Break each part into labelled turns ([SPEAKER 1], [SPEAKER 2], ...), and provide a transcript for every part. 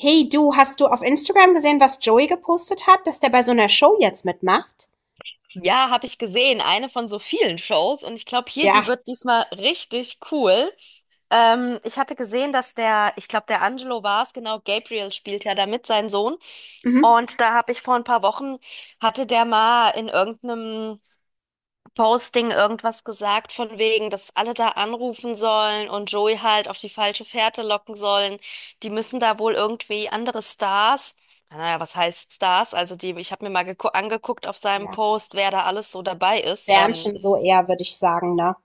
[SPEAKER 1] Hey du, hast du auf Instagram gesehen, was Joey gepostet hat, dass der bei so einer Show jetzt mitmacht?
[SPEAKER 2] Ja, habe ich gesehen. Eine von so vielen Shows. Und ich glaube, hier, die
[SPEAKER 1] Ja.
[SPEAKER 2] wird diesmal richtig cool. Ich hatte gesehen, dass der, ich glaube, der Angelo war es, genau, Gabriel spielt ja damit, sein Sohn.
[SPEAKER 1] Mhm.
[SPEAKER 2] Und da habe ich vor ein paar Wochen, hatte der mal in irgendeinem Posting irgendwas gesagt von wegen, dass alle da anrufen sollen und Joey halt auf die falsche Fährte locken sollen. Die müssen da wohl irgendwie andere Stars, naja, was heißt Stars? Also die, ich habe mir mal angeguckt auf seinem
[SPEAKER 1] Ja.
[SPEAKER 2] Post, wer da alles so dabei ist.
[SPEAKER 1] Sternchen
[SPEAKER 2] Ist
[SPEAKER 1] so eher, würde ich sagen, ne?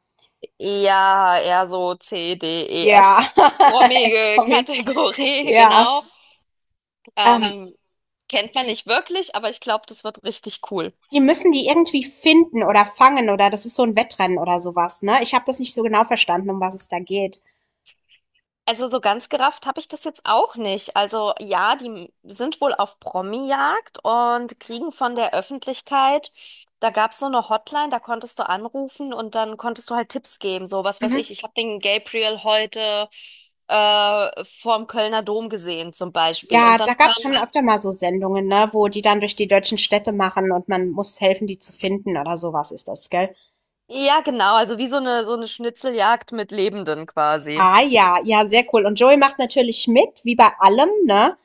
[SPEAKER 2] eher, so C, D, E,
[SPEAKER 1] Ja.
[SPEAKER 2] F. Promige
[SPEAKER 1] Promis.
[SPEAKER 2] Kategorie,
[SPEAKER 1] Ja.
[SPEAKER 2] genau.
[SPEAKER 1] Ähm,
[SPEAKER 2] Ähm, Kennt man
[SPEAKER 1] die,
[SPEAKER 2] nicht wirklich, aber ich glaube, das wird richtig cool.
[SPEAKER 1] die müssen die irgendwie finden oder fangen oder das ist so ein Wettrennen oder sowas, ne? Ich habe das nicht so genau verstanden, um was es da geht.
[SPEAKER 2] Also so ganz gerafft habe ich das jetzt auch nicht. Also ja, die sind wohl auf Promi-Jagd und kriegen von der Öffentlichkeit, da gab es so eine Hotline, da konntest du anrufen und dann konntest du halt Tipps geben. So was weiß ich,
[SPEAKER 1] Mhm.
[SPEAKER 2] ich habe den Gabriel heute vorm Kölner Dom gesehen zum Beispiel.
[SPEAKER 1] Ja,
[SPEAKER 2] Und dann
[SPEAKER 1] da gab's schon
[SPEAKER 2] fahren,
[SPEAKER 1] öfter mal so Sendungen, ne, wo die dann durch die deutschen Städte machen und man muss helfen, die zu finden oder sowas ist das, gell?
[SPEAKER 2] ja genau, also wie so eine Schnitzeljagd mit Lebenden quasi.
[SPEAKER 1] Ah ja, ja, sehr cool. Und Joey macht natürlich mit, wie bei allem, ne?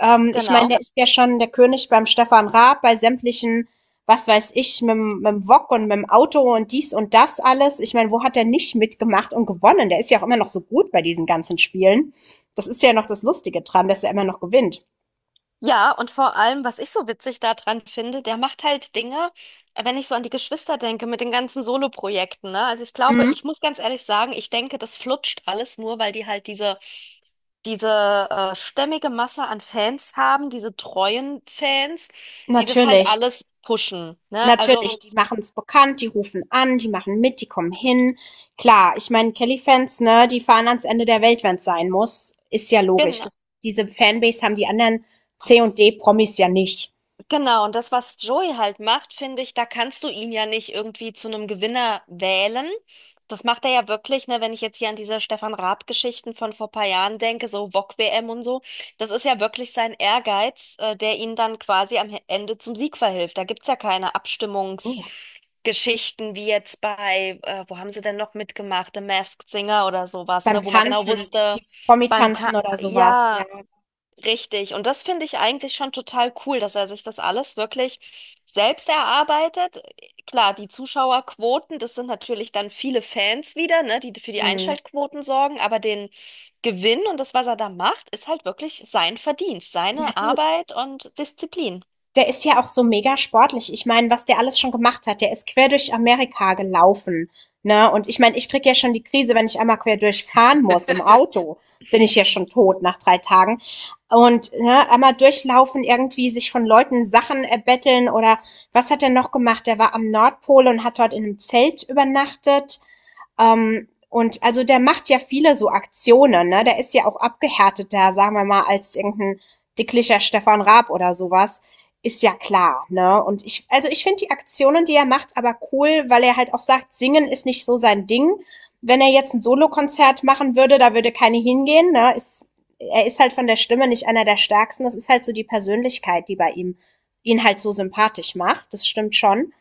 [SPEAKER 1] Ich meine,
[SPEAKER 2] Genau.
[SPEAKER 1] der ist ja schon der König beim Stefan Raab, bei sämtlichen, was weiß ich, mit dem Wok und mit dem Auto und dies und das alles. Ich meine, wo hat er nicht mitgemacht und gewonnen? Der ist ja auch immer noch so gut bei diesen ganzen Spielen. Das ist ja noch das Lustige dran, dass er immer noch gewinnt.
[SPEAKER 2] Ja, und vor allem, was ich so witzig daran finde, der macht halt Dinge, wenn ich so an die Geschwister denke, mit den ganzen Soloprojekten, ne? Also ich glaube,
[SPEAKER 1] Mhm.
[SPEAKER 2] ich muss ganz ehrlich sagen, ich denke, das flutscht alles nur, weil die halt diese, diese stämmige Masse an Fans haben, diese treuen Fans, die das halt
[SPEAKER 1] Natürlich.
[SPEAKER 2] alles pushen, ne? Also,
[SPEAKER 1] Natürlich, die machen es bekannt, die rufen an, die machen mit, die kommen hin. Klar, ich meine, Kelly-Fans, ne, die fahren ans Ende der Welt, wenn es sein muss. Ist ja logisch.
[SPEAKER 2] genau.
[SPEAKER 1] Das, diese Fanbase haben die anderen C- und D-Promis ja nicht.
[SPEAKER 2] Genau, und das, was Joey halt macht, finde ich, da kannst du ihn ja nicht irgendwie zu einem Gewinner wählen. Das macht er ja wirklich, ne, wenn ich jetzt hier an diese Stefan Raab-Geschichten von vor paar Jahren denke, so Wok-WM und so. Das ist ja wirklich sein Ehrgeiz, der ihn dann quasi am Ende zum Sieg verhilft. Da gibt's ja keine
[SPEAKER 1] Nee.
[SPEAKER 2] Abstimmungsgeschichten wie jetzt bei, wo haben sie denn noch mitgemacht, The Masked Singer oder sowas,
[SPEAKER 1] Beim
[SPEAKER 2] ne, wo man genau
[SPEAKER 1] Tanzen,
[SPEAKER 2] wusste,
[SPEAKER 1] wie
[SPEAKER 2] beim Ta
[SPEAKER 1] Promi-Tanzen oder sowas, ja.
[SPEAKER 2] ja. Richtig. Und das finde ich eigentlich schon total cool, dass er sich das alles wirklich selbst erarbeitet. Klar, die Zuschauerquoten, das sind natürlich dann viele Fans wieder, ne, die für die
[SPEAKER 1] Hm.
[SPEAKER 2] Einschaltquoten sorgen, aber den Gewinn und das, was er da macht, ist halt wirklich sein Verdienst,
[SPEAKER 1] Ja,
[SPEAKER 2] seine
[SPEAKER 1] du,
[SPEAKER 2] Arbeit und Disziplin.
[SPEAKER 1] der ist ja auch so mega sportlich. Ich meine, was der alles schon gemacht hat. Der ist quer durch Amerika gelaufen, ne? Und ich meine, ich krieg ja schon die Krise, wenn ich einmal quer durchfahren muss im Auto. Bin ich ja schon tot nach drei Tagen. Und ne, einmal durchlaufen, irgendwie sich von Leuten Sachen erbetteln oder was hat er noch gemacht? Der war am Nordpol und hat dort in einem Zelt übernachtet. Und also der macht ja viele so Aktionen, ne? Der ist ja auch abgehärteter, sagen wir mal, als irgendein dicklicher Stefan Raab oder sowas. Ist ja klar, ne? Und ich, also ich finde die Aktionen, die er macht, aber cool, weil er halt auch sagt, singen ist nicht so sein Ding. Wenn er jetzt ein Solokonzert machen würde, da würde keine hingehen, ne? Ist, er ist halt von der Stimme nicht einer der stärksten. Das ist halt so die Persönlichkeit, die bei ihm ihn halt so sympathisch macht. Das stimmt schon.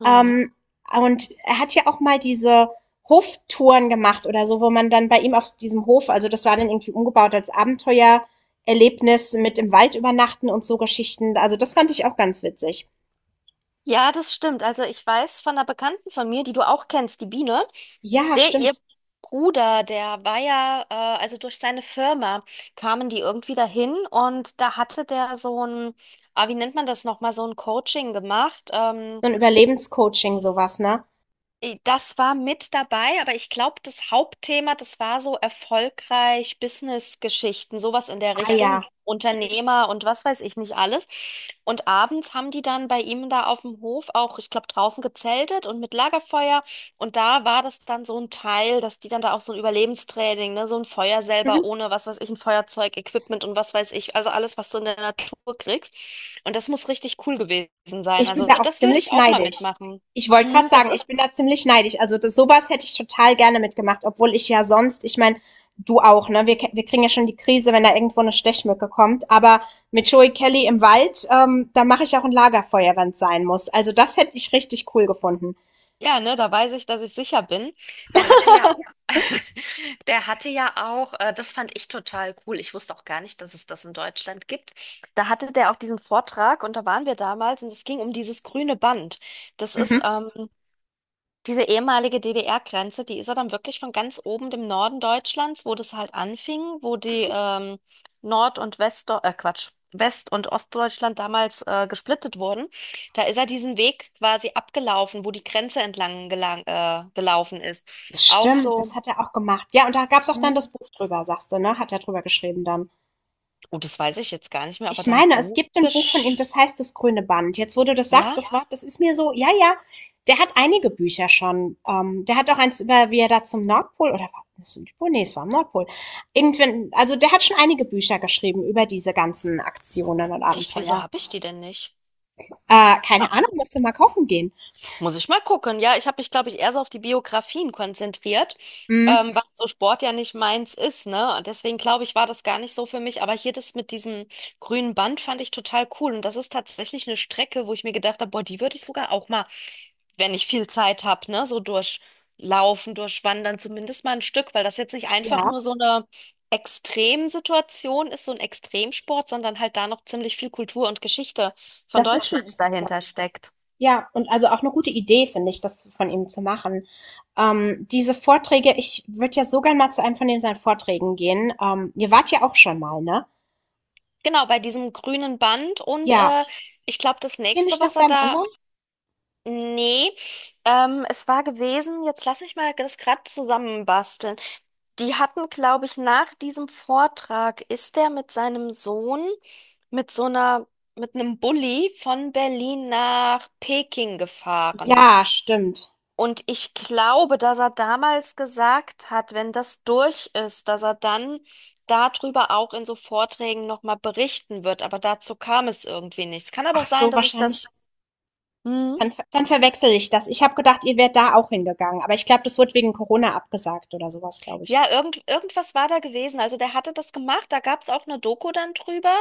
[SPEAKER 2] Hm.
[SPEAKER 1] Ähm, und er hat ja auch mal diese Hoftouren gemacht oder so, wo man dann bei ihm auf diesem Hof, also das war dann irgendwie umgebaut als Abenteuererlebnis mit im Wald übernachten und so Geschichten. Also das fand ich auch ganz witzig.
[SPEAKER 2] Ja, das stimmt. Also ich weiß von einer Bekannten von mir, die du auch kennst, die Biene.
[SPEAKER 1] Ja,
[SPEAKER 2] Der, ihr
[SPEAKER 1] stimmt.
[SPEAKER 2] Bruder, der war ja, also durch seine Firma kamen die irgendwie dahin und da hatte der so ein, ah, wie nennt man das nochmal, so ein Coaching gemacht.
[SPEAKER 1] So ein Überlebenscoaching, sowas, ne?
[SPEAKER 2] Das war mit dabei, aber ich glaube, das Hauptthema, das war so erfolgreich Business-Geschichten, sowas in der
[SPEAKER 1] Ah ja.
[SPEAKER 2] Richtung, Unternehmer und was weiß ich nicht alles. Und abends haben die dann bei ihm da auf dem Hof auch, ich glaube, draußen gezeltet und mit Lagerfeuer. Und da war das dann so ein Teil, dass die dann da auch so ein Überlebenstraining, ne, so ein Feuer selber
[SPEAKER 1] Mhm.
[SPEAKER 2] ohne was weiß ich, ein Feuerzeug, Equipment und was weiß ich, also alles, was du in der Natur kriegst. Und das muss richtig cool gewesen sein.
[SPEAKER 1] Ich bin
[SPEAKER 2] Also
[SPEAKER 1] da auch
[SPEAKER 2] das würde ich
[SPEAKER 1] ziemlich
[SPEAKER 2] auch mal
[SPEAKER 1] neidisch.
[SPEAKER 2] mitmachen.
[SPEAKER 1] Ich wollte gerade
[SPEAKER 2] Das
[SPEAKER 1] sagen, ich
[SPEAKER 2] ist.
[SPEAKER 1] bin da ziemlich neidisch. Also das, sowas hätte ich total gerne mitgemacht, obwohl ich ja sonst, ich meine, du auch, ne? Wir, wir kriegen ja schon die Krise, wenn da irgendwo eine Stechmücke kommt. Aber mit Joey Kelly im Wald, da mache ich auch ein Lagerfeuer, wenn es sein muss. Also das hätte ich richtig cool gefunden.
[SPEAKER 2] Ja, ne, da weiß ich, dass ich sicher bin. Der hatte ja, der hatte ja auch, das fand ich total cool. Ich wusste auch gar nicht, dass es das in Deutschland gibt. Da hatte der auch diesen Vortrag und da waren wir damals und es ging um dieses grüne Band. Das ist,
[SPEAKER 1] Mhm.
[SPEAKER 2] ähm, Diese ehemalige DDR-Grenze, die ist ja dann wirklich von ganz oben dem Norden Deutschlands, wo das halt anfing, wo die Nord- und Quatsch, West- und Ostdeutschland damals gesplittet wurden. Da ist er diesen Weg quasi abgelaufen, wo die Grenze entlang gelaufen ist. Auch
[SPEAKER 1] Stimmt,
[SPEAKER 2] so,
[SPEAKER 1] das hat er auch gemacht. Ja, und da gab es auch dann
[SPEAKER 2] hm,
[SPEAKER 1] das Buch drüber, sagst du, ne? Hat er drüber geschrieben dann.
[SPEAKER 2] oh, das weiß ich jetzt gar nicht mehr, aber
[SPEAKER 1] Ich
[SPEAKER 2] dann
[SPEAKER 1] meine, es
[SPEAKER 2] Buch
[SPEAKER 1] gibt ein Buch von ihm,
[SPEAKER 2] gesch...
[SPEAKER 1] das heißt „Das grüne Band“. Jetzt, wo du das sagst,
[SPEAKER 2] Ja?
[SPEAKER 1] das Ja? war das ist mir so ja, ja, der hat einige Bücher schon. Der hat auch eins über wie er da zum Nordpol oder war das Südpol? Ne, es war am Nordpol. Irgendwann also, der hat schon einige Bücher geschrieben über diese ganzen Aktionen und
[SPEAKER 2] Echt, wieso
[SPEAKER 1] Abenteuer.
[SPEAKER 2] habe ich die denn nicht?
[SPEAKER 1] Keine Ahnung, musst du mal kaufen gehen.
[SPEAKER 2] Muss ich mal gucken. Ja, ich habe mich, glaube ich, eher so auf die Biografien konzentriert,
[SPEAKER 1] Mhm.
[SPEAKER 2] weil so Sport ja nicht meins ist, ne? Und deswegen glaube ich, war das gar nicht so für mich. Aber hier das mit diesem grünen Band fand ich total cool. Und das ist tatsächlich eine Strecke, wo ich mir gedacht habe, boah, die würde ich sogar auch mal, wenn ich viel Zeit habe, ne, so durchlaufen, durchwandern, zumindest mal ein Stück, weil das jetzt nicht einfach
[SPEAKER 1] Ja,
[SPEAKER 2] nur so eine Extremsituation ist, so ein Extremsport, sondern halt da noch ziemlich viel Kultur und Geschichte von
[SPEAKER 1] das ist schon
[SPEAKER 2] Deutschland
[SPEAKER 1] interessant.
[SPEAKER 2] dahinter steckt.
[SPEAKER 1] Ja, und also auch eine gute Idee, finde ich, das von ihm zu machen. Diese Vorträge ich würde ja so gern mal zu einem von den seinen Vorträgen gehen. Ihr wart ja auch schon mal, ne?
[SPEAKER 2] Genau, bei diesem grünen Band und
[SPEAKER 1] Ja.
[SPEAKER 2] äh, ich glaube, das
[SPEAKER 1] Wart ihr
[SPEAKER 2] nächste,
[SPEAKER 1] nicht noch
[SPEAKER 2] was er
[SPEAKER 1] beim
[SPEAKER 2] da.
[SPEAKER 1] anderen?
[SPEAKER 2] Nee, es war gewesen, jetzt lass mich mal das gerade zusammenbasteln. Die hatten, glaube ich, nach diesem Vortrag ist der mit seinem Sohn mit so einer, mit einem Bulli von Berlin nach Peking gefahren.
[SPEAKER 1] Ja, stimmt.
[SPEAKER 2] Und ich glaube, dass er damals gesagt hat, wenn das durch ist, dass er dann darüber auch in so Vorträgen nochmal berichten wird. Aber dazu kam es irgendwie nicht. Es kann aber auch
[SPEAKER 1] Ach
[SPEAKER 2] sein,
[SPEAKER 1] so,
[SPEAKER 2] dass ich
[SPEAKER 1] wahrscheinlich
[SPEAKER 2] das. Hm.
[SPEAKER 1] dann verwechsel ich das. Ich habe gedacht, ihr wärt da auch hingegangen, aber ich glaube, das wurde wegen Corona abgesagt oder sowas glaube ich.
[SPEAKER 2] Ja, irgendwas war da gewesen. Also der hatte das gemacht, da gab es auch eine Doku dann drüber.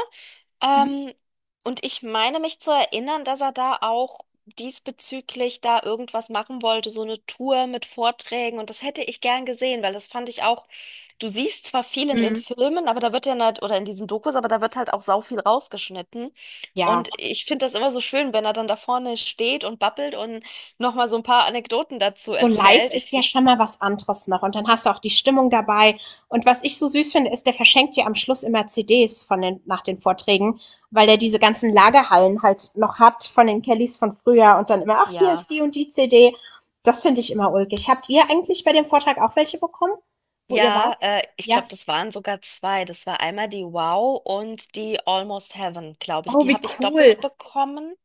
[SPEAKER 1] Mhm.
[SPEAKER 2] Ähm, und ich meine mich zu erinnern, dass er da auch diesbezüglich da irgendwas machen wollte, so eine Tour mit Vorträgen. Und das hätte ich gern gesehen, weil das fand ich auch, du siehst zwar viel in den
[SPEAKER 1] Mhm.
[SPEAKER 2] Filmen, aber da wird ja halt, oder in diesen Dokus, aber da wird halt auch sau viel rausgeschnitten.
[SPEAKER 1] Ja.
[SPEAKER 2] Und ich finde das immer so schön, wenn er dann da vorne steht und babbelt und nochmal so ein paar Anekdoten dazu
[SPEAKER 1] So live
[SPEAKER 2] erzählt.
[SPEAKER 1] ist ja
[SPEAKER 2] Ich,
[SPEAKER 1] schon mal was anderes noch. Und dann hast du auch die Stimmung dabei. Und was ich so süß finde, ist, der verschenkt dir am Schluss immer CDs von den, nach den Vorträgen, weil der diese ganzen Lagerhallen halt noch hat von den Kellys von früher und dann immer, ach, hier
[SPEAKER 2] ja.
[SPEAKER 1] ist die und die CD. Das finde ich immer ulkig. Habt ihr eigentlich bei dem Vortrag auch welche bekommen, wo ihr
[SPEAKER 2] Ja,
[SPEAKER 1] wart?
[SPEAKER 2] ich
[SPEAKER 1] Ja.
[SPEAKER 2] glaube, das waren sogar zwei. Das war einmal die Wow und die Almost Heaven, glaube ich.
[SPEAKER 1] Oh,
[SPEAKER 2] Die
[SPEAKER 1] wie
[SPEAKER 2] habe ich
[SPEAKER 1] cool.
[SPEAKER 2] doppelt bekommen.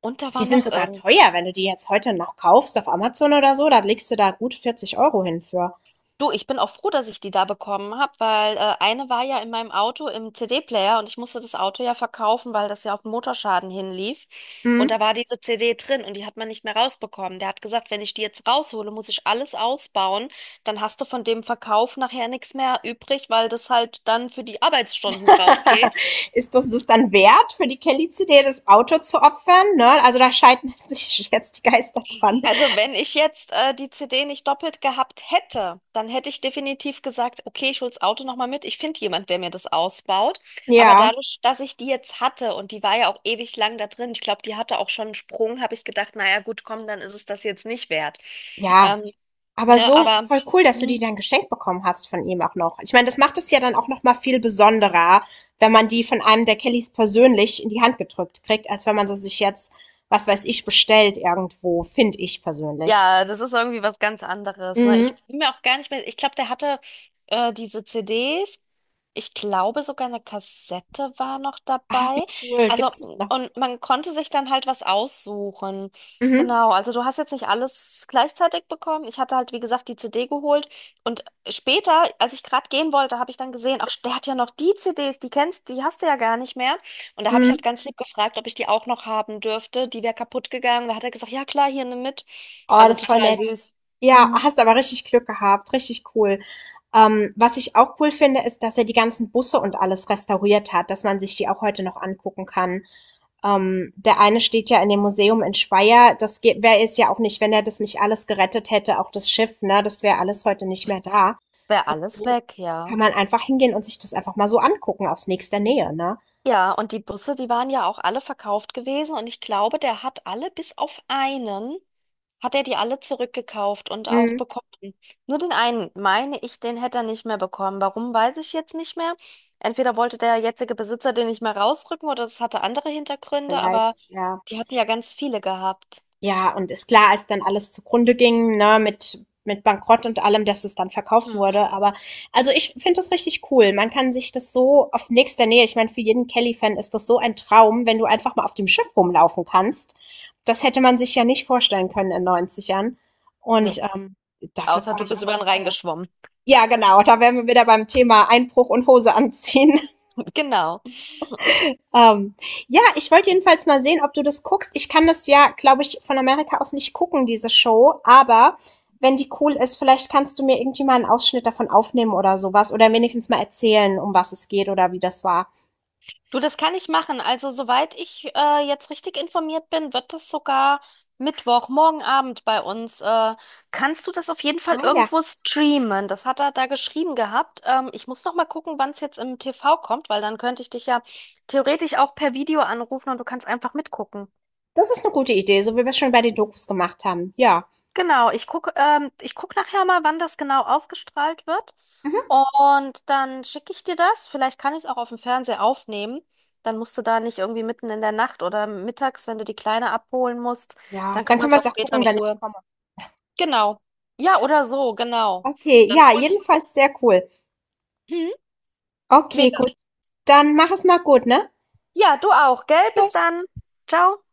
[SPEAKER 2] Und da
[SPEAKER 1] Die
[SPEAKER 2] war
[SPEAKER 1] sind
[SPEAKER 2] noch
[SPEAKER 1] sogar
[SPEAKER 2] irgend.
[SPEAKER 1] teuer, wenn du die jetzt heute noch kaufst auf Amazon oder so. Da legst du da gut 40 € hin für.
[SPEAKER 2] Du, ich bin auch froh, dass ich die da bekommen habe, weil eine war ja in meinem Auto im CD-Player und ich musste das Auto ja verkaufen, weil das ja auf den Motorschaden hinlief. Und
[SPEAKER 1] Mhm.
[SPEAKER 2] da war diese CD drin und die hat man nicht mehr rausbekommen. Der hat gesagt, wenn ich die jetzt raushole, muss ich alles ausbauen. Dann hast du von dem Verkauf nachher nichts mehr übrig, weil das halt dann für die Arbeitsstunden drauf geht.
[SPEAKER 1] Ist das das dann wert, für die Kelly-CD das Auto zu opfern? Ne? Also da scheiden sich jetzt die Geister dran.
[SPEAKER 2] Also wenn ich jetzt die CD nicht doppelt gehabt hätte, dann hätte ich definitiv gesagt, okay, ich hol's Auto nochmal mit. Ich finde jemand, der mir das ausbaut. Aber
[SPEAKER 1] Ja,
[SPEAKER 2] dadurch, dass ich die jetzt hatte und die war ja auch ewig lang da drin, ich glaube, die hatte auch schon einen Sprung, habe ich gedacht, naja, gut, komm, dann ist es das jetzt nicht wert.
[SPEAKER 1] ja.
[SPEAKER 2] Ähm,
[SPEAKER 1] Aber
[SPEAKER 2] ne,
[SPEAKER 1] so
[SPEAKER 2] aber
[SPEAKER 1] voll cool, dass du die
[SPEAKER 2] hm,
[SPEAKER 1] dann geschenkt bekommen hast von ihm auch noch. Ich meine, das macht es ja dann auch noch mal viel besonderer, wenn man die von einem der Kellys persönlich in die Hand gedrückt kriegt, als wenn man sie sich jetzt, was weiß ich, bestellt irgendwo, finde ich persönlich.
[SPEAKER 2] ja, das ist irgendwie was ganz anderes. Ne?
[SPEAKER 1] Mhm.
[SPEAKER 2] Ich bin mir auch gar nicht mehr, ich glaube, der hatte diese CDs. Ich glaube, sogar eine Kassette war noch
[SPEAKER 1] Ah,
[SPEAKER 2] dabei.
[SPEAKER 1] wie cool.
[SPEAKER 2] Also,
[SPEAKER 1] Gibt's das noch?
[SPEAKER 2] und man konnte sich dann halt was aussuchen.
[SPEAKER 1] Mhm.
[SPEAKER 2] Genau, also du hast jetzt nicht alles gleichzeitig bekommen. Ich hatte halt, wie gesagt, die CD geholt. Und später, als ich gerade gehen wollte, habe ich dann gesehen, ach, der hat ja noch die CDs, die kennst, die hast du ja gar nicht mehr. Und da habe ich halt
[SPEAKER 1] Mhm.
[SPEAKER 2] ganz lieb gefragt, ob ich die auch noch haben dürfte. Die wäre kaputt gegangen. Da hat er gesagt, ja klar, hier nimm mit.
[SPEAKER 1] Oh,
[SPEAKER 2] Also
[SPEAKER 1] das ist voll
[SPEAKER 2] total
[SPEAKER 1] nett.
[SPEAKER 2] süß.
[SPEAKER 1] Ja,
[SPEAKER 2] Mhm.
[SPEAKER 1] hast aber richtig Glück gehabt, richtig cool. Was ich auch cool finde, ist, dass er die ganzen Busse und alles restauriert hat, dass man sich die auch heute noch angucken kann. Der eine steht ja in dem Museum in Speyer. Das wäre es ja auch nicht, wenn er das nicht alles gerettet hätte, auch das Schiff, ne? Das wäre alles heute nicht mehr da.
[SPEAKER 2] Wäre
[SPEAKER 1] Und
[SPEAKER 2] alles
[SPEAKER 1] so
[SPEAKER 2] weg, ja.
[SPEAKER 1] kann man einfach hingehen und sich das einfach mal so angucken aus nächster Nähe, ne?
[SPEAKER 2] Ja, und die Busse, die waren ja auch alle verkauft gewesen und ich glaube, der hat alle, bis auf einen, hat er die alle zurückgekauft und auch
[SPEAKER 1] Mhm.
[SPEAKER 2] bekommen. Nur den einen, meine ich, den hätte er nicht mehr bekommen. Warum, weiß ich jetzt nicht mehr. Entweder wollte der jetzige Besitzer den nicht mehr rausrücken oder es hatte andere Hintergründe, aber
[SPEAKER 1] Vielleicht, ja.
[SPEAKER 2] die hatten ja ganz viele gehabt.
[SPEAKER 1] Ja, und ist klar, als dann alles zugrunde ging, ne, mit Bankrott und allem, dass es dann verkauft
[SPEAKER 2] Hm.
[SPEAKER 1] wurde. Aber also ich finde das richtig cool. Man kann sich das so auf nächster Nähe, ich meine, für jeden Kelly-Fan ist das so ein Traum, wenn du einfach mal auf dem Schiff rumlaufen kannst. Das hätte man sich ja nicht vorstellen können in 90 Jahren. Und
[SPEAKER 2] Nee,
[SPEAKER 1] dafür
[SPEAKER 2] außer
[SPEAKER 1] fahre
[SPEAKER 2] du
[SPEAKER 1] ich auch
[SPEAKER 2] bist über
[SPEAKER 1] nach
[SPEAKER 2] den Rhein
[SPEAKER 1] Speyer.
[SPEAKER 2] geschwommen.
[SPEAKER 1] Ja, genau, da wären wir wieder beim Thema Einbruch und Hose anziehen.
[SPEAKER 2] Genau.
[SPEAKER 1] Ähm, ja, ich wollte jedenfalls mal sehen, ob du das guckst. Ich kann das ja, glaube ich, von Amerika aus nicht gucken, diese Show, aber wenn die cool ist, vielleicht kannst du mir irgendwie mal einen Ausschnitt davon aufnehmen oder sowas oder wenigstens mal erzählen, um was es geht oder wie das war.
[SPEAKER 2] Du, das kann ich machen. Also, soweit ich jetzt richtig informiert bin, wird das sogar Mittwoch, morgen Abend bei uns. Kannst du das auf jeden Fall
[SPEAKER 1] Ah ja,
[SPEAKER 2] irgendwo streamen? Das hat er da geschrieben gehabt. Ich muss noch mal gucken, wann es jetzt im TV kommt, weil dann könnte ich dich ja theoretisch auch per Video anrufen und du kannst einfach mitgucken.
[SPEAKER 1] das ist eine gute Idee, so wie wir es schon bei den Dokus gemacht haben. Ja.
[SPEAKER 2] Genau, ich gucke ich guck nachher mal, wann das genau ausgestrahlt wird.
[SPEAKER 1] Mhm.
[SPEAKER 2] Und dann schicke ich dir das. Vielleicht kann ich es auch auf dem Fernseher aufnehmen. Dann musst du da nicht irgendwie mitten in der Nacht oder mittags, wenn du die Kleine abholen musst,
[SPEAKER 1] Ja,
[SPEAKER 2] dann
[SPEAKER 1] dann
[SPEAKER 2] kann man
[SPEAKER 1] können
[SPEAKER 2] es
[SPEAKER 1] wir
[SPEAKER 2] auch
[SPEAKER 1] es auch
[SPEAKER 2] später
[SPEAKER 1] gucken,
[SPEAKER 2] in
[SPEAKER 1] wenn ich
[SPEAKER 2] Ruhe.
[SPEAKER 1] komme.
[SPEAKER 2] Genau. Ja, oder so, genau.
[SPEAKER 1] Okay,
[SPEAKER 2] Dann
[SPEAKER 1] ja,
[SPEAKER 2] hol ich.
[SPEAKER 1] jedenfalls sehr cool.
[SPEAKER 2] Mhm.
[SPEAKER 1] Okay,
[SPEAKER 2] Mega.
[SPEAKER 1] gut. Dann mach es mal gut, ne?
[SPEAKER 2] Ja, du auch, gell? Bis
[SPEAKER 1] Tschüss.
[SPEAKER 2] dann. Ciao.